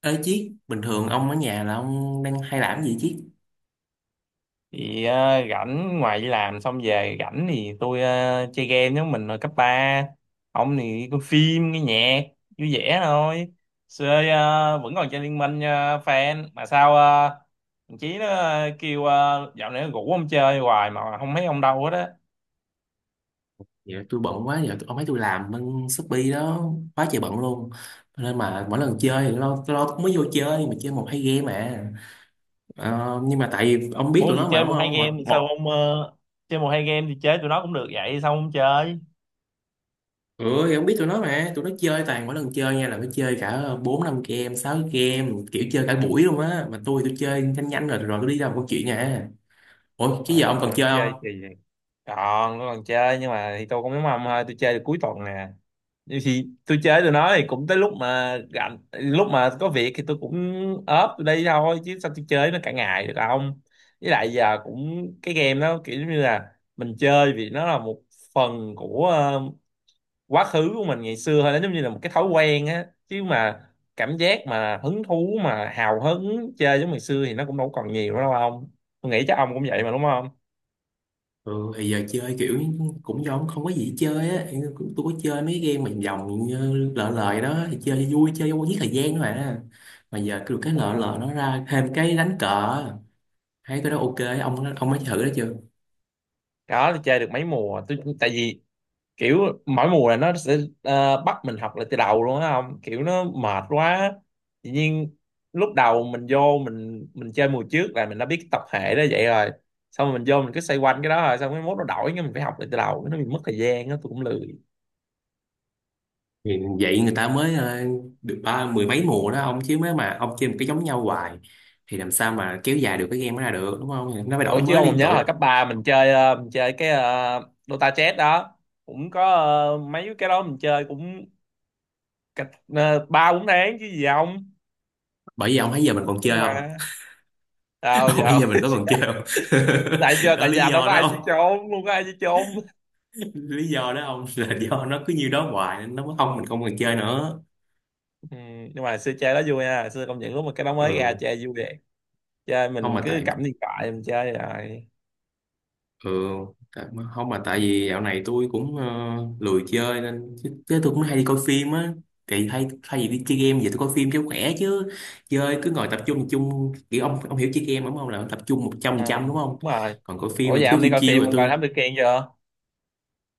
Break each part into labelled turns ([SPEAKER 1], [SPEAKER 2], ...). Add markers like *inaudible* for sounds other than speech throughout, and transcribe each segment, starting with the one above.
[SPEAKER 1] Ê Chiết, bình thường ông ở nhà là ông đang hay làm gì Chiết?
[SPEAKER 2] Thì rảnh, ngoài đi làm xong về rảnh thì tôi chơi game giống mình hồi cấp ba. Ông thì coi phim nghe nhạc, vui vẻ thôi. Xưa vẫn còn chơi Liên Minh, fan mà sao, thằng Chí nó kêu dạo này nó rủ ông chơi hoài mà không thấy ông đâu hết á.
[SPEAKER 1] Dạ tôi bận quá, giờ tôi- ông thấy tôi làm bên Shopee đó, quá trời bận luôn. Nên mà mỗi lần chơi thì lo, tôi lo cũng mới vô chơi, mà chơi một hai game mà. Nhưng mà tại vì ông biết
[SPEAKER 2] Ủa
[SPEAKER 1] tụi nó
[SPEAKER 2] gì
[SPEAKER 1] mà
[SPEAKER 2] chơi
[SPEAKER 1] đúng
[SPEAKER 2] một hai
[SPEAKER 1] không? Một,
[SPEAKER 2] game thì sao
[SPEAKER 1] một.
[SPEAKER 2] ông, chơi một hai game thì chơi tụi nó cũng được, vậy sao ông không chơi?
[SPEAKER 1] Ừ, thì ông biết tụi nó mà, tụi nó chơi toàn mỗi lần chơi nha là nó chơi cả 4 5 game, 6 game, kiểu chơi cả buổi luôn á. Mà tôi chơi nhanh nhanh rồi rồi tôi đi làm câu chuyện nè. Ủa,
[SPEAKER 2] Ừ,
[SPEAKER 1] chứ giờ ông còn
[SPEAKER 2] tụi nó
[SPEAKER 1] chơi
[SPEAKER 2] chơi
[SPEAKER 1] không?
[SPEAKER 2] thì còn, nó còn chơi nhưng mà thì tôi cũng giống ông thôi, tôi chơi được cuối tuần nè. Vậy thì tôi chơi tụi nó thì cũng tới lúc mà rảnh, lúc mà có việc thì tôi cũng ốp tụi đây thôi, chứ sao tôi chơi nó cả ngày được không. Với lại giờ cũng cái game đó, kiểu như là mình chơi vì nó là một phần của quá khứ của mình ngày xưa thôi, nó giống như là một cái thói quen á chứ mà. Cảm giác mà hứng thú mà hào hứng chơi giống ngày xưa thì nó cũng đâu còn nhiều nữa đâu không? Tôi nghĩ chắc ông cũng vậy mà đúng không?
[SPEAKER 1] Ừ, thì giờ chơi kiểu cũng giống không có gì chơi á, cũng tôi có chơi mấy game mà vòng như lợ lời đó thì chơi vui chơi cho giết thời gian thôi à. Mà giờ cứ cái
[SPEAKER 2] Đúng
[SPEAKER 1] lợ lợ
[SPEAKER 2] rồi,
[SPEAKER 1] nó ra thêm cái đánh cờ, thấy cái đó ok, ông mới thử đó chưa?
[SPEAKER 2] đó tôi chơi được mấy mùa tôi, tại vì kiểu mỗi mùa là nó sẽ bắt mình học lại từ đầu luôn á, không kiểu nó mệt quá. Tự nhiên lúc đầu mình vô, mình chơi mùa trước là mình đã biết tập hệ đó vậy rồi, xong rồi mình vô mình cứ xoay quanh cái đó, rồi xong cái mốt nó đổi, cái mình phải học lại từ đầu, nó bị mất thời gian đó tôi cũng lười.
[SPEAKER 1] Thì vậy người ta mới được ba mười mấy mùa đó ông, chứ mới mà ông chơi một cái giống nhau hoài thì làm sao mà kéo dài được cái game đó ra được đúng không? Thì nó phải đổi
[SPEAKER 2] Ủa chứ
[SPEAKER 1] mới
[SPEAKER 2] ông còn
[SPEAKER 1] liên
[SPEAKER 2] nhớ hồi
[SPEAKER 1] tục.
[SPEAKER 2] cấp 3 mình chơi mình chơi cái Dota Chess đó, cũng có mấy cái đó mình chơi cũng cách ba bốn tháng chứ gì không.
[SPEAKER 1] Bởi vì ông thấy giờ mình
[SPEAKER 2] Vẫn
[SPEAKER 1] còn
[SPEAKER 2] chơi
[SPEAKER 1] chơi không?
[SPEAKER 2] mà, sao
[SPEAKER 1] *laughs* Ông thấy
[SPEAKER 2] giờ?
[SPEAKER 1] giờ mình có còn chơi không?
[SPEAKER 2] *laughs* tại
[SPEAKER 1] *laughs*
[SPEAKER 2] giờ
[SPEAKER 1] Đó
[SPEAKER 2] tại
[SPEAKER 1] lý
[SPEAKER 2] giờ đâu
[SPEAKER 1] do
[SPEAKER 2] có
[SPEAKER 1] đó
[SPEAKER 2] ai chơi
[SPEAKER 1] ông,
[SPEAKER 2] trốn, không có ai chơi trốn.
[SPEAKER 1] lý do đó ông. *laughs* Là do nó cứ như đó hoài nên nó mới không, mình không còn chơi nữa.
[SPEAKER 2] Ừ, nhưng mà xưa chơi đó vui nha, xưa công nhận lúc mà cái đó mới ra
[SPEAKER 1] Ừ,
[SPEAKER 2] chơi vui vậy. Chơi
[SPEAKER 1] không
[SPEAKER 2] mình
[SPEAKER 1] mà
[SPEAKER 2] cứ
[SPEAKER 1] tại,
[SPEAKER 2] cắm điện thoại mình chơi rồi.
[SPEAKER 1] ừ, tại, không mà tại vì dạo này tôi cũng lười chơi nên chứ, chứ tôi cũng hay đi coi phim á. Thì hay thay vì đi chơi game giờ tôi coi phim cho khỏe chứ, chơi cứ ngồi tập trung kiểu ông hiểu chơi game đúng không, là tập trung một trăm phần
[SPEAKER 2] à,
[SPEAKER 1] trăm đúng không?
[SPEAKER 2] Đúng rồi.
[SPEAKER 1] Còn coi
[SPEAKER 2] Ủa
[SPEAKER 1] phim thì
[SPEAKER 2] vậy
[SPEAKER 1] cứ
[SPEAKER 2] ông
[SPEAKER 1] chiêu
[SPEAKER 2] đi coi
[SPEAKER 1] chiêu
[SPEAKER 2] phim,
[SPEAKER 1] rồi
[SPEAKER 2] ông coi
[SPEAKER 1] tôi.
[SPEAKER 2] Thám Tử Kiên chưa?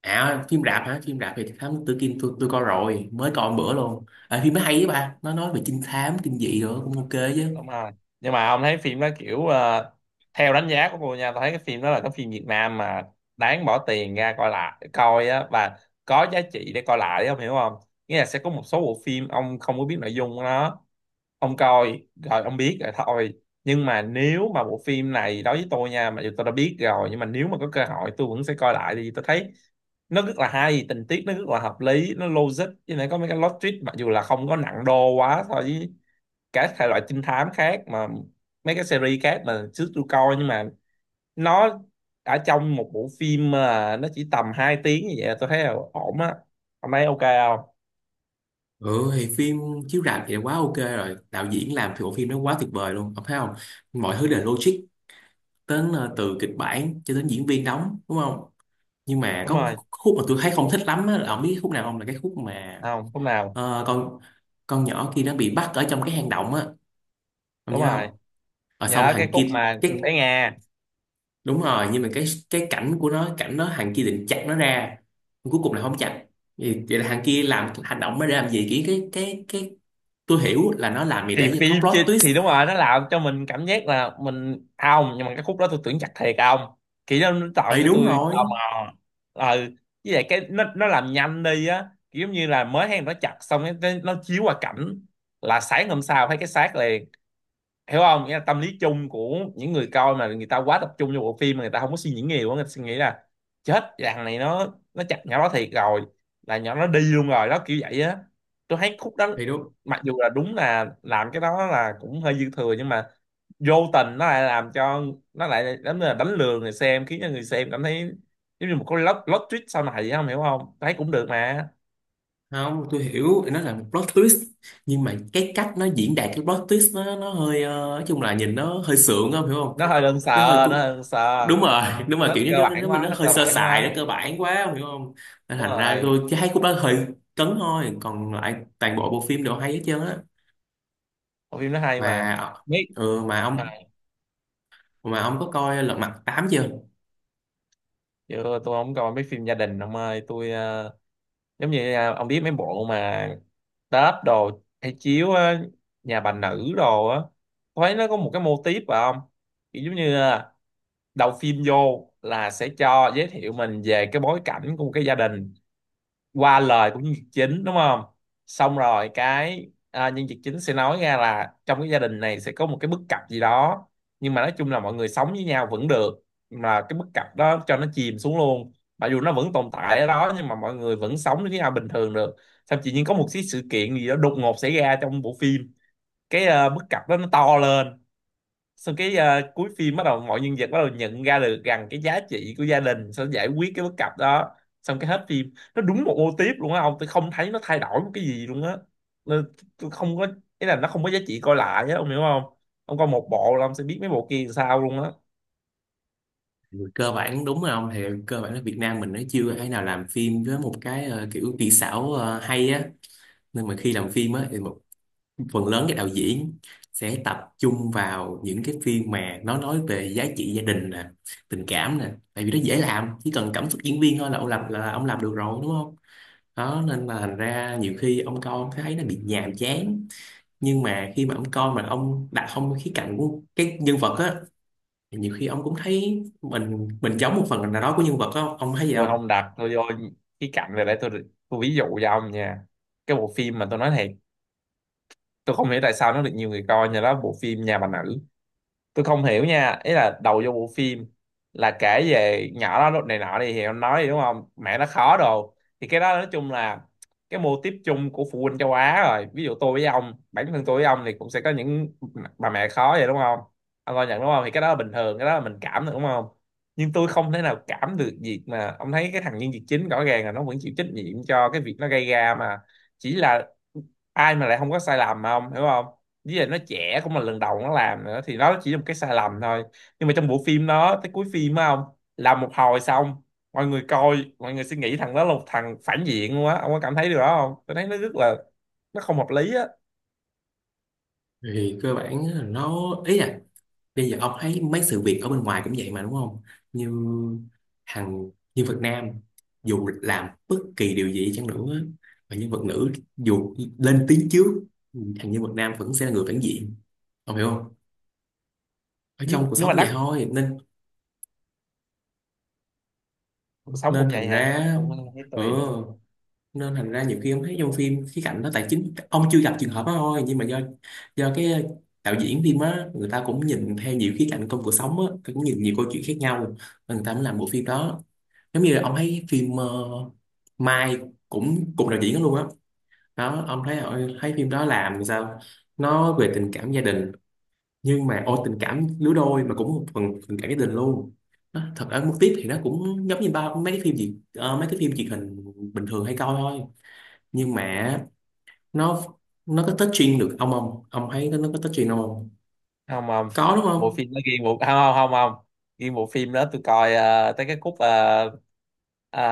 [SPEAKER 1] À phim rạp hả? Phim rạp thì Thám Tử Kiên tôi coi rồi, mới coi một bữa luôn à, phim nó hay, với bà nó nói về trinh thám kinh dị rồi cũng ok
[SPEAKER 2] Đúng
[SPEAKER 1] chứ.
[SPEAKER 2] rồi, nhưng mà ông thấy phim đó kiểu, theo đánh giá của tôi nha, tôi thấy cái phim đó là cái phim Việt Nam mà đáng bỏ tiền ra coi, lại coi á, và có giá trị để coi lại ông hiểu không. Nghĩa là sẽ có một số bộ phim ông không có biết nội dung của nó, ông coi rồi ông biết rồi thôi. Nhưng mà nếu mà bộ phim này đối với tôi nha, mặc dù tôi đã biết rồi nhưng mà nếu mà có cơ hội tôi vẫn sẽ coi lại, thì tôi thấy nó rất là hay, tình tiết nó rất là hợp lý, nó logic, với lại có mấy cái plot twist mặc dù là không có nặng đô quá so với các thể loại trinh thám khác mà, mấy cái series khác mà trước tôi coi, nhưng mà nó ở trong một bộ phim mà nó chỉ tầm 2 tiếng như vậy là tôi thấy là ổn á. Ông thấy ok không?
[SPEAKER 1] Ừ thì phim chiếu rạp thì quá ok rồi, đạo diễn làm thì bộ phim nó quá tuyệt vời luôn. Ông thấy không? Mọi thứ đều logic. Đến từ kịch bản cho đến diễn viên đóng, đúng không? Nhưng mà
[SPEAKER 2] Đúng
[SPEAKER 1] có một
[SPEAKER 2] rồi,
[SPEAKER 1] khúc mà tôi thấy không thích lắm á, là ông biết khúc nào không? Là cái khúc mà
[SPEAKER 2] không lúc nào.
[SPEAKER 1] ờ, con con nhỏ kia nó bị bắt ở trong cái hang động á. Ông
[SPEAKER 2] Đúng
[SPEAKER 1] nhớ
[SPEAKER 2] rồi,
[SPEAKER 1] không? Ở xong
[SPEAKER 2] nhớ
[SPEAKER 1] thằng
[SPEAKER 2] cái cốt
[SPEAKER 1] kia
[SPEAKER 2] mà
[SPEAKER 1] cái,
[SPEAKER 2] bé Nga.
[SPEAKER 1] đúng rồi, nhưng mà cái cảnh của nó, cảnh nó thằng kia định chặt nó ra nhưng cuối cùng là không chặt. Vậy, vậy là thằng kia làm hành động mới để làm gì? Cái tôi hiểu là nó làm gì
[SPEAKER 2] Thì
[SPEAKER 1] để cho có
[SPEAKER 2] phim chứ,
[SPEAKER 1] plot twist,
[SPEAKER 2] thì đúng rồi nó làm cho mình cảm giác là mình, ông, nhưng mà cái khúc đó tôi tưởng chặt thiệt, à ông, kiểu nó tạo
[SPEAKER 1] thì
[SPEAKER 2] cho
[SPEAKER 1] đúng
[SPEAKER 2] tôi
[SPEAKER 1] rồi,
[SPEAKER 2] tò mò. ờ với lại cái nó làm nhanh đi á, kiểu giống như là mới hay nó chặt xong cái nó chiếu qua cảnh là sáng hôm sau thấy cái xác liền, hiểu không, nghĩa là tâm lý chung của những người coi mà người ta quá tập trung vô bộ phim mà người ta không có suy nghĩ nhiều á, người ta suy nghĩ là chết thằng này nó chặt nhỏ đó thiệt rồi, là nhỏ nó đi luôn rồi đó kiểu vậy á. Tôi thấy khúc đó
[SPEAKER 1] thì đúng
[SPEAKER 2] mặc dù là đúng là làm cái đó là cũng hơi dư thừa, nhưng mà vô tình nó lại làm cho, nó lại đánh, là đánh lừa người xem khiến cho người xem cảm thấy giống như một cái plot plot twist sau này vậy, không hiểu không? Tôi thấy cũng được mà.
[SPEAKER 1] không? Tôi hiểu nó là một plot twist, nhưng mà cái cách nó diễn đạt cái plot twist nó hơi nói chung là nhìn nó hơi sượng không hiểu không?
[SPEAKER 2] Nó hơi đơn sờ,
[SPEAKER 1] Nó hơi
[SPEAKER 2] nó
[SPEAKER 1] cu-,
[SPEAKER 2] hơi đơn sờ,
[SPEAKER 1] đúng rồi. *laughs* Đúng rồi, kiểu
[SPEAKER 2] nó cơ
[SPEAKER 1] như nó,
[SPEAKER 2] bản
[SPEAKER 1] nó,
[SPEAKER 2] quá,
[SPEAKER 1] nó
[SPEAKER 2] nó
[SPEAKER 1] hơi
[SPEAKER 2] cơ
[SPEAKER 1] sơ
[SPEAKER 2] bản
[SPEAKER 1] sài, nó
[SPEAKER 2] quá.
[SPEAKER 1] cơ bản quá không hiểu không? Nên
[SPEAKER 2] Đúng
[SPEAKER 1] thành ra
[SPEAKER 2] rồi.
[SPEAKER 1] tôi chỉ thấy khúc đó hơi cấn thôi, còn lại toàn bộ bộ phim đều hay hết trơn á.
[SPEAKER 2] Bộ phim nó hay mà,
[SPEAKER 1] Mà
[SPEAKER 2] biết.
[SPEAKER 1] ừ, mà
[SPEAKER 2] à,
[SPEAKER 1] ông, mà ông có coi Lật Mặt tám chưa?
[SPEAKER 2] Chứ tôi không coi mấy phim gia đình ông ơi, tôi giống như, ông biết mấy bộ mà Tết đồ hay chiếu á, Nhà Bà Nữ đồ á, tôi thấy nó có một cái mô típ phải không, kiểu giống như đầu phim vô là sẽ cho giới thiệu mình về cái bối cảnh của một cái gia đình qua lời của nhân vật chính đúng không. Xong rồi cái nhân vật chính sẽ nói ra là trong cái gia đình này sẽ có một cái bất cập gì đó, nhưng mà nói chung là mọi người sống với nhau vẫn được, mà cái bất cập đó cho nó chìm xuống luôn, mặc dù nó vẫn tồn tại ở đó nhưng mà mọi người vẫn sống với nhau bình thường được. Xong tự nhiên có một cái sự kiện gì đó đột ngột xảy ra trong bộ phim, cái bất cập đó nó to lên. Sau cái, cuối phim bắt đầu mọi nhân vật bắt đầu nhận ra được rằng cái giá trị của gia đình sẽ giải quyết cái bất cập đó, xong cái hết phim, nó đúng một mô típ luôn á ông, tôi không thấy nó thay đổi một cái gì luôn á. Nên tôi không có, ý là nó không có giá trị coi lại á, ông hiểu không. Ông coi một bộ là ông sẽ biết mấy bộ kia làm sao luôn á.
[SPEAKER 1] Ừ, cơ bản đúng rồi ông, thì cơ bản là Việt Nam mình nó chưa thể nào làm phim với một cái kiểu kỹ xảo hay á. Nên mà khi làm phim á thì phần lớn các đạo diễn sẽ tập trung vào những cái phim mà nó nói về giá trị gia đình nè, tình cảm nè, tại vì nó dễ làm, chỉ cần cảm xúc diễn viên thôi là ông làm được rồi đúng không? Đó nên là thành ra nhiều khi ông coi ông thấy nó bị nhàm chán. Nhưng mà khi mà ông coi mà ông đặt không khía cạnh của cái nhân vật á, thì nhiều khi ông cũng thấy mình giống một phần nào đó của nhân vật á, ông thấy gì
[SPEAKER 2] Rồi
[SPEAKER 1] không?
[SPEAKER 2] không đặt tôi vô cái cạnh này để tôi ví dụ cho ông nha. Cái bộ phim mà tôi nói thiệt, tôi không hiểu tại sao nó được nhiều người coi như đó là bộ phim Nhà Bà Nữ. Tôi không hiểu nha, ý là đầu vô bộ phim là kể về nhỏ đó lúc này nọ đi thì ông nói gì đúng không, mẹ nó khó đồ, thì cái đó nói chung là cái mô típ chung của phụ huynh châu Á rồi, ví dụ tôi với ông, bản thân tôi với ông thì cũng sẽ có những bà mẹ khó vậy đúng không. Ông coi nhận đúng không, thì cái đó là bình thường, cái đó là mình cảm được đúng không. Nhưng tôi không thể nào cảm được việc mà ông thấy cái thằng nhân vật chính rõ ràng là nó vẫn chịu trách nhiệm cho cái việc nó gây ra mà, chỉ là ai mà lại không có sai lầm mà ông hiểu không, với lại nó trẻ cũng là lần đầu nó làm nữa thì nó chỉ là một cái sai lầm thôi. Nhưng mà trong bộ phim nó tới cuối phim á không, làm một hồi xong, mọi người coi, mọi người suy nghĩ thằng đó là một thằng phản diện luôn á, ông có cảm thấy điều đó không, tôi thấy nó rất là, nó không hợp lý á.
[SPEAKER 1] Thì cơ bản là nó, ý là bây giờ ông thấy mấy sự việc ở bên ngoài cũng vậy mà đúng không? Như hàng nhân vật nam dù làm bất kỳ điều gì chăng nữa và nhân vật nữ dù lên tiếng trước, thằng nhân vật nam vẫn sẽ là người phản diện, ông hiểu không? Ở trong
[SPEAKER 2] nhưng
[SPEAKER 1] cuộc
[SPEAKER 2] nhưng
[SPEAKER 1] sống
[SPEAKER 2] mà đắt
[SPEAKER 1] vậy thôi nên,
[SPEAKER 2] sống
[SPEAKER 1] nên
[SPEAKER 2] cũng
[SPEAKER 1] thành
[SPEAKER 2] vậy hả,
[SPEAKER 1] ra,
[SPEAKER 2] cũng thấy
[SPEAKER 1] ừ,
[SPEAKER 2] tùy.
[SPEAKER 1] nên thành ra nhiều khi ông thấy trong phim khía cạnh đó tài chính ông chưa gặp trường hợp đó thôi, nhưng mà do do cái đạo diễn phim á, người ta cũng nhìn theo nhiều khía cạnh trong cuộc sống á, cũng nhìn nhiều câu chuyện khác nhau nên người ta mới làm bộ phim đó. Giống như là ông thấy phim Mai cũng cùng đạo diễn đó luôn á. Đó ông thấy thấy phim đó làm sao? Nó về tình cảm gia đình nhưng mà ô tình cảm lứa đôi mà cũng một phần tình cảm gia đình luôn. Nó, thật ở mức tiếp thì nó cũng giống như bao mấy cái phim gì mấy cái phim truyền hình bình thường hay coi thôi. Nhưng mà nó nó có touching được ông không, ông thấy nó có touching ông không?
[SPEAKER 2] Không không,
[SPEAKER 1] Có đúng
[SPEAKER 2] bộ
[SPEAKER 1] không?
[SPEAKER 2] phim nó ghiêng bộ, không không không không, ghiêng bộ phim đó tôi coi tới cái khúc, ờ,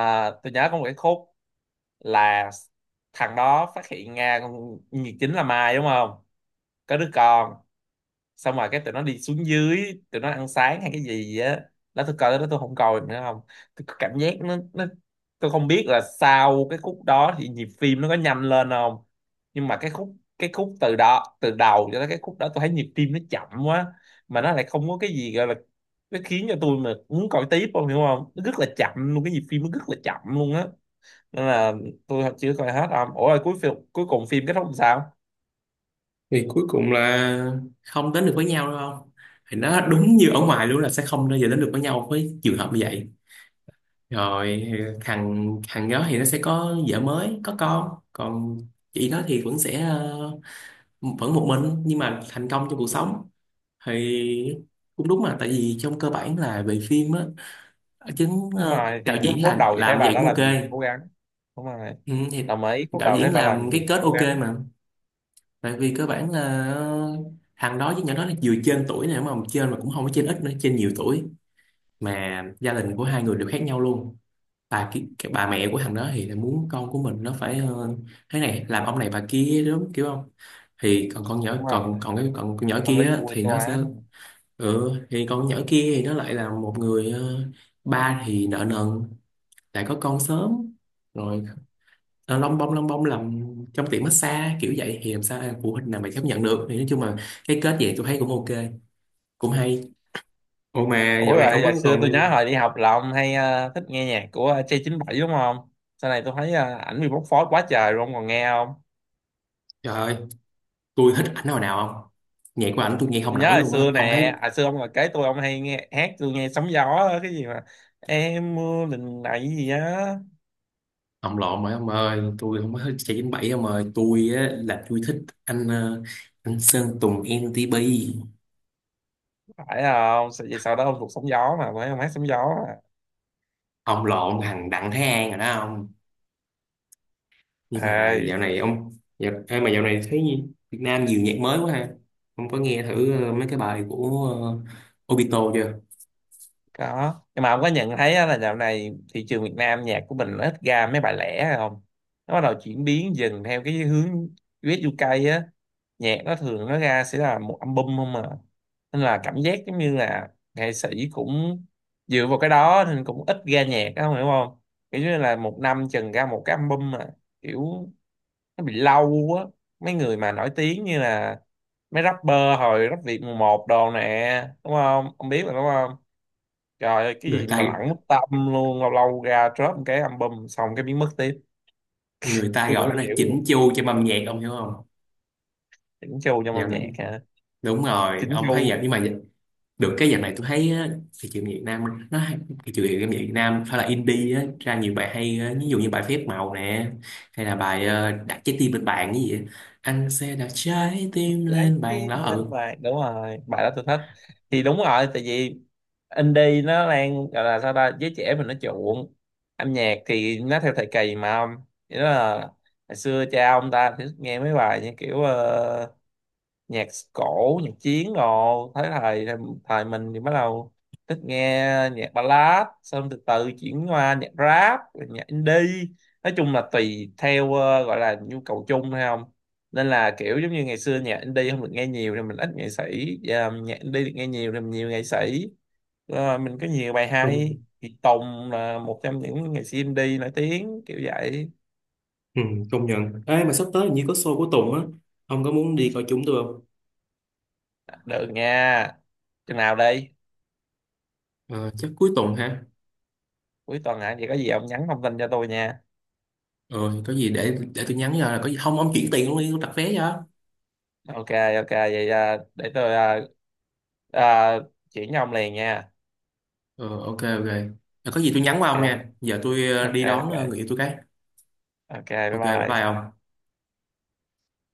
[SPEAKER 2] tôi nhớ có một cái khúc là thằng đó phát hiện ra con nhiệt chính là Mai đúng không, có đứa con, xong rồi cái tụi nó đi xuống dưới tụi nó ăn sáng hay cái gì á, đó tôi coi đó tôi không coi nữa không. Tôi có cảm giác nó, tôi không biết là sau cái khúc đó thì nhịp phim nó có nhanh lên không, nhưng mà cái khúc từ đó, từ đầu cho tới cái khúc đó tôi thấy nhịp tim nó chậm quá, mà nó lại không có cái gì gọi là, nó khiến cho tôi mà muốn coi tiếp không, hiểu không, nó rất là chậm luôn, cái nhịp phim nó rất là chậm luôn á. Nên là tôi chưa coi hết không, ủa rồi cuối phim cuối cùng phim kết thúc làm sao?
[SPEAKER 1] Thì cuối cùng là không đến được với nhau đúng không? Thì nó đúng như ở ngoài luôn là sẽ không bao giờ đến được với nhau với trường hợp như vậy. Rồi thằng thằng đó thì nó sẽ có vợ mới có con, còn chị nó thì vẫn sẽ vẫn một mình nhưng mà thành công trong cuộc sống. Thì cũng đúng mà, tại vì trong cơ bản là về phim á, chứng
[SPEAKER 2] Đúng rồi,
[SPEAKER 1] đạo
[SPEAKER 2] thì lúc
[SPEAKER 1] diễn
[SPEAKER 2] phút
[SPEAKER 1] làm
[SPEAKER 2] đầu thì thấy
[SPEAKER 1] làm
[SPEAKER 2] bà
[SPEAKER 1] vậy
[SPEAKER 2] đã
[SPEAKER 1] cũng ok.
[SPEAKER 2] làm gì cố gắng. Đúng rồi.
[SPEAKER 1] Ừ, thì
[SPEAKER 2] Đồng ý phút
[SPEAKER 1] đạo
[SPEAKER 2] đầu thấy
[SPEAKER 1] diễn
[SPEAKER 2] bà làm
[SPEAKER 1] làm cái
[SPEAKER 2] gì
[SPEAKER 1] kết
[SPEAKER 2] cố
[SPEAKER 1] ok
[SPEAKER 2] gắng.
[SPEAKER 1] mà. Tại vì cơ bản là thằng đó với nhỏ đó là vừa trên tuổi này mà trên mà cũng không có trên ít nữa, trên nhiều tuổi, mà gia đình của hai người đều khác nhau luôn. Bà ki- cái bà mẹ của thằng đó thì là muốn con của mình nó phải thế này làm ông này bà kia đúng kiểu không? Thì còn con nhỏ
[SPEAKER 2] Đúng rồi,
[SPEAKER 1] còn còn cái còn con nhỏ
[SPEAKER 2] tâm
[SPEAKER 1] kia
[SPEAKER 2] lý
[SPEAKER 1] á,
[SPEAKER 2] phụ huynh
[SPEAKER 1] thì nó sẽ,
[SPEAKER 2] hóa mà.
[SPEAKER 1] ừ, thì con nhỏ kia thì nó lại là một người ba thì nợ nần, lại có con sớm, rồi lông bông làm trong tiệm massage kiểu vậy thì làm sao phụ huynh nào mà chấp nhận được. Thì nói chung là cái kết vậy tôi thấy cũng ok, cũng hay. Ủa mà
[SPEAKER 2] Ủa
[SPEAKER 1] dạo này ông
[SPEAKER 2] rồi
[SPEAKER 1] vẫn
[SPEAKER 2] hồi xưa tôi
[SPEAKER 1] còn,
[SPEAKER 2] nhớ hồi đi học là ông hay thích nghe nhạc của J97 đúng không? Sau này tôi thấy, ảnh bị bóc phốt quá trời luôn, còn nghe không?
[SPEAKER 1] trời ơi tôi thích ảnh hồi nào không, nhạc của ảnh tôi nghe
[SPEAKER 2] Tôi
[SPEAKER 1] không
[SPEAKER 2] nhớ
[SPEAKER 1] nổi
[SPEAKER 2] hồi
[SPEAKER 1] luôn á
[SPEAKER 2] xưa
[SPEAKER 1] ông thấy.
[SPEAKER 2] nè, hồi xưa ông là kế tôi ông hay nghe hát, tôi nghe Sóng Gió á, cái gì mà em mưa lần này gì á,
[SPEAKER 1] Ông lộn rồi ông ơi, tôi không có thích chạy chín bảy ông ơi, tôi á là tôi thích anh anh Sơn Tùng MTP.
[SPEAKER 2] phải không? Vậy sau đó ông thuộc Sóng Gió mà phải, ông hát Sóng Gió mà.
[SPEAKER 1] Ông lộn thằng Đặng Thái An rồi đó ông. Nhưng mà
[SPEAKER 2] Ê,
[SPEAKER 1] dạo này ông, dạo, ê, mà dạo này thấy Việt Nam nhiều nhạc mới quá ha. Ông có nghe thử mấy cái bài của Obito chưa?
[SPEAKER 2] có, nhưng mà ông có nhận thấy á là dạo này thị trường Việt Nam, nhạc của mình nó ít ra mấy bài lẻ hay không. Nó bắt đầu chuyển biến dần theo cái hướng US UK á, nhạc nó thường nó ra sẽ là một album không mà, nên là cảm giác giống như là nghệ sĩ cũng dựa vào cái đó nên cũng ít ra nhạc á, ông hiểu không. Kiểu như là một năm chừng ra một cái album mà, kiểu nó bị lâu á. Mấy người mà nổi tiếng như là mấy rapper hồi rap Việt mùa một đồ nè đúng không, ông biết mà đúng không. Trời ơi, cái
[SPEAKER 1] người
[SPEAKER 2] gì
[SPEAKER 1] ta
[SPEAKER 2] mà lẳng mất tâm luôn, lâu lâu ra drop một cái album xong cái biến mất tiếp.
[SPEAKER 1] người ta
[SPEAKER 2] Tôi
[SPEAKER 1] gọi đó
[SPEAKER 2] cũng không
[SPEAKER 1] là
[SPEAKER 2] hiểu luôn.
[SPEAKER 1] chỉnh chu cho âm nhạc ông hiểu không?
[SPEAKER 2] Chỉnh chu trong
[SPEAKER 1] Dạo
[SPEAKER 2] âm
[SPEAKER 1] này,
[SPEAKER 2] nhạc hả?
[SPEAKER 1] đúng rồi
[SPEAKER 2] Chỉnh
[SPEAKER 1] ông thấy
[SPEAKER 2] chu
[SPEAKER 1] dạo, nhưng mà được cái dạo này tôi thấy á, thị trường Việt Nam nó hay-, thị trường âm nhạc Việt Nam phải là indie á, ra nhiều bài hay á, ví dụ như bài Phép Màu nè, hay là bài đặt trái tim lên bàn cái gì vậy? Anh sẽ đặt trái tim
[SPEAKER 2] trái
[SPEAKER 1] lên bàn
[SPEAKER 2] tim
[SPEAKER 1] đó.
[SPEAKER 2] bên ngoài. Đúng rồi, bài đó tôi thích. Thì đúng rồi, tại vì indie nó đang gọi là sao ta, giới trẻ mình nó chuộng. Âm nhạc thì nó theo thời kỳ mà ông. Nghĩa là hồi xưa cha ông ta thì nghe mấy bài như kiểu, nhạc cổ nhạc chiến, rồi thấy thầy thầy mình thì bắt đầu thích nghe nhạc ballad, xong từ từ chuyển qua nhạc rap rồi nhạc indie. Nói chung là tùy theo, gọi là nhu cầu chung hay không, nên là kiểu giống như ngày xưa nhạc indie không được nghe nhiều thì mình ít nghệ sĩ, giờ nhạc indie được nghe nhiều thì mình nhiều nghệ sĩ. Ờ, mình có nhiều bài
[SPEAKER 1] Ừ,
[SPEAKER 2] hay thì Tùng là một trong những nghệ sĩ indie nổi tiếng kiểu vậy.
[SPEAKER 1] ừ, công nhận. Ê, mà sắp tới hình như có show của Tùng á. Ông có muốn đi coi chúng tôi không?
[SPEAKER 2] Được nha, chừng nào đi?
[SPEAKER 1] Ờ, chắc cuối tuần ha.
[SPEAKER 2] Cuối tuần hả, vậy có gì ông nhắn thông tin cho tôi nha.
[SPEAKER 1] Ờ, thì có gì để tôi nhắn cho. Có gì không, ông chuyển tiền luôn đi, tôi đặt vé cho.
[SPEAKER 2] OK, OK, vậy để tôi, à, chuyển cho ông liền nha.
[SPEAKER 1] Ờ, ok, ok. Ờ, có gì tôi nhắn qua ông
[SPEAKER 2] OK,
[SPEAKER 1] nha. Giờ tôi
[SPEAKER 2] OK,
[SPEAKER 1] đi đón
[SPEAKER 2] OK,
[SPEAKER 1] người yêu tôi cái.
[SPEAKER 2] OK, bye
[SPEAKER 1] Ok, bye bye
[SPEAKER 2] bye.
[SPEAKER 1] ông.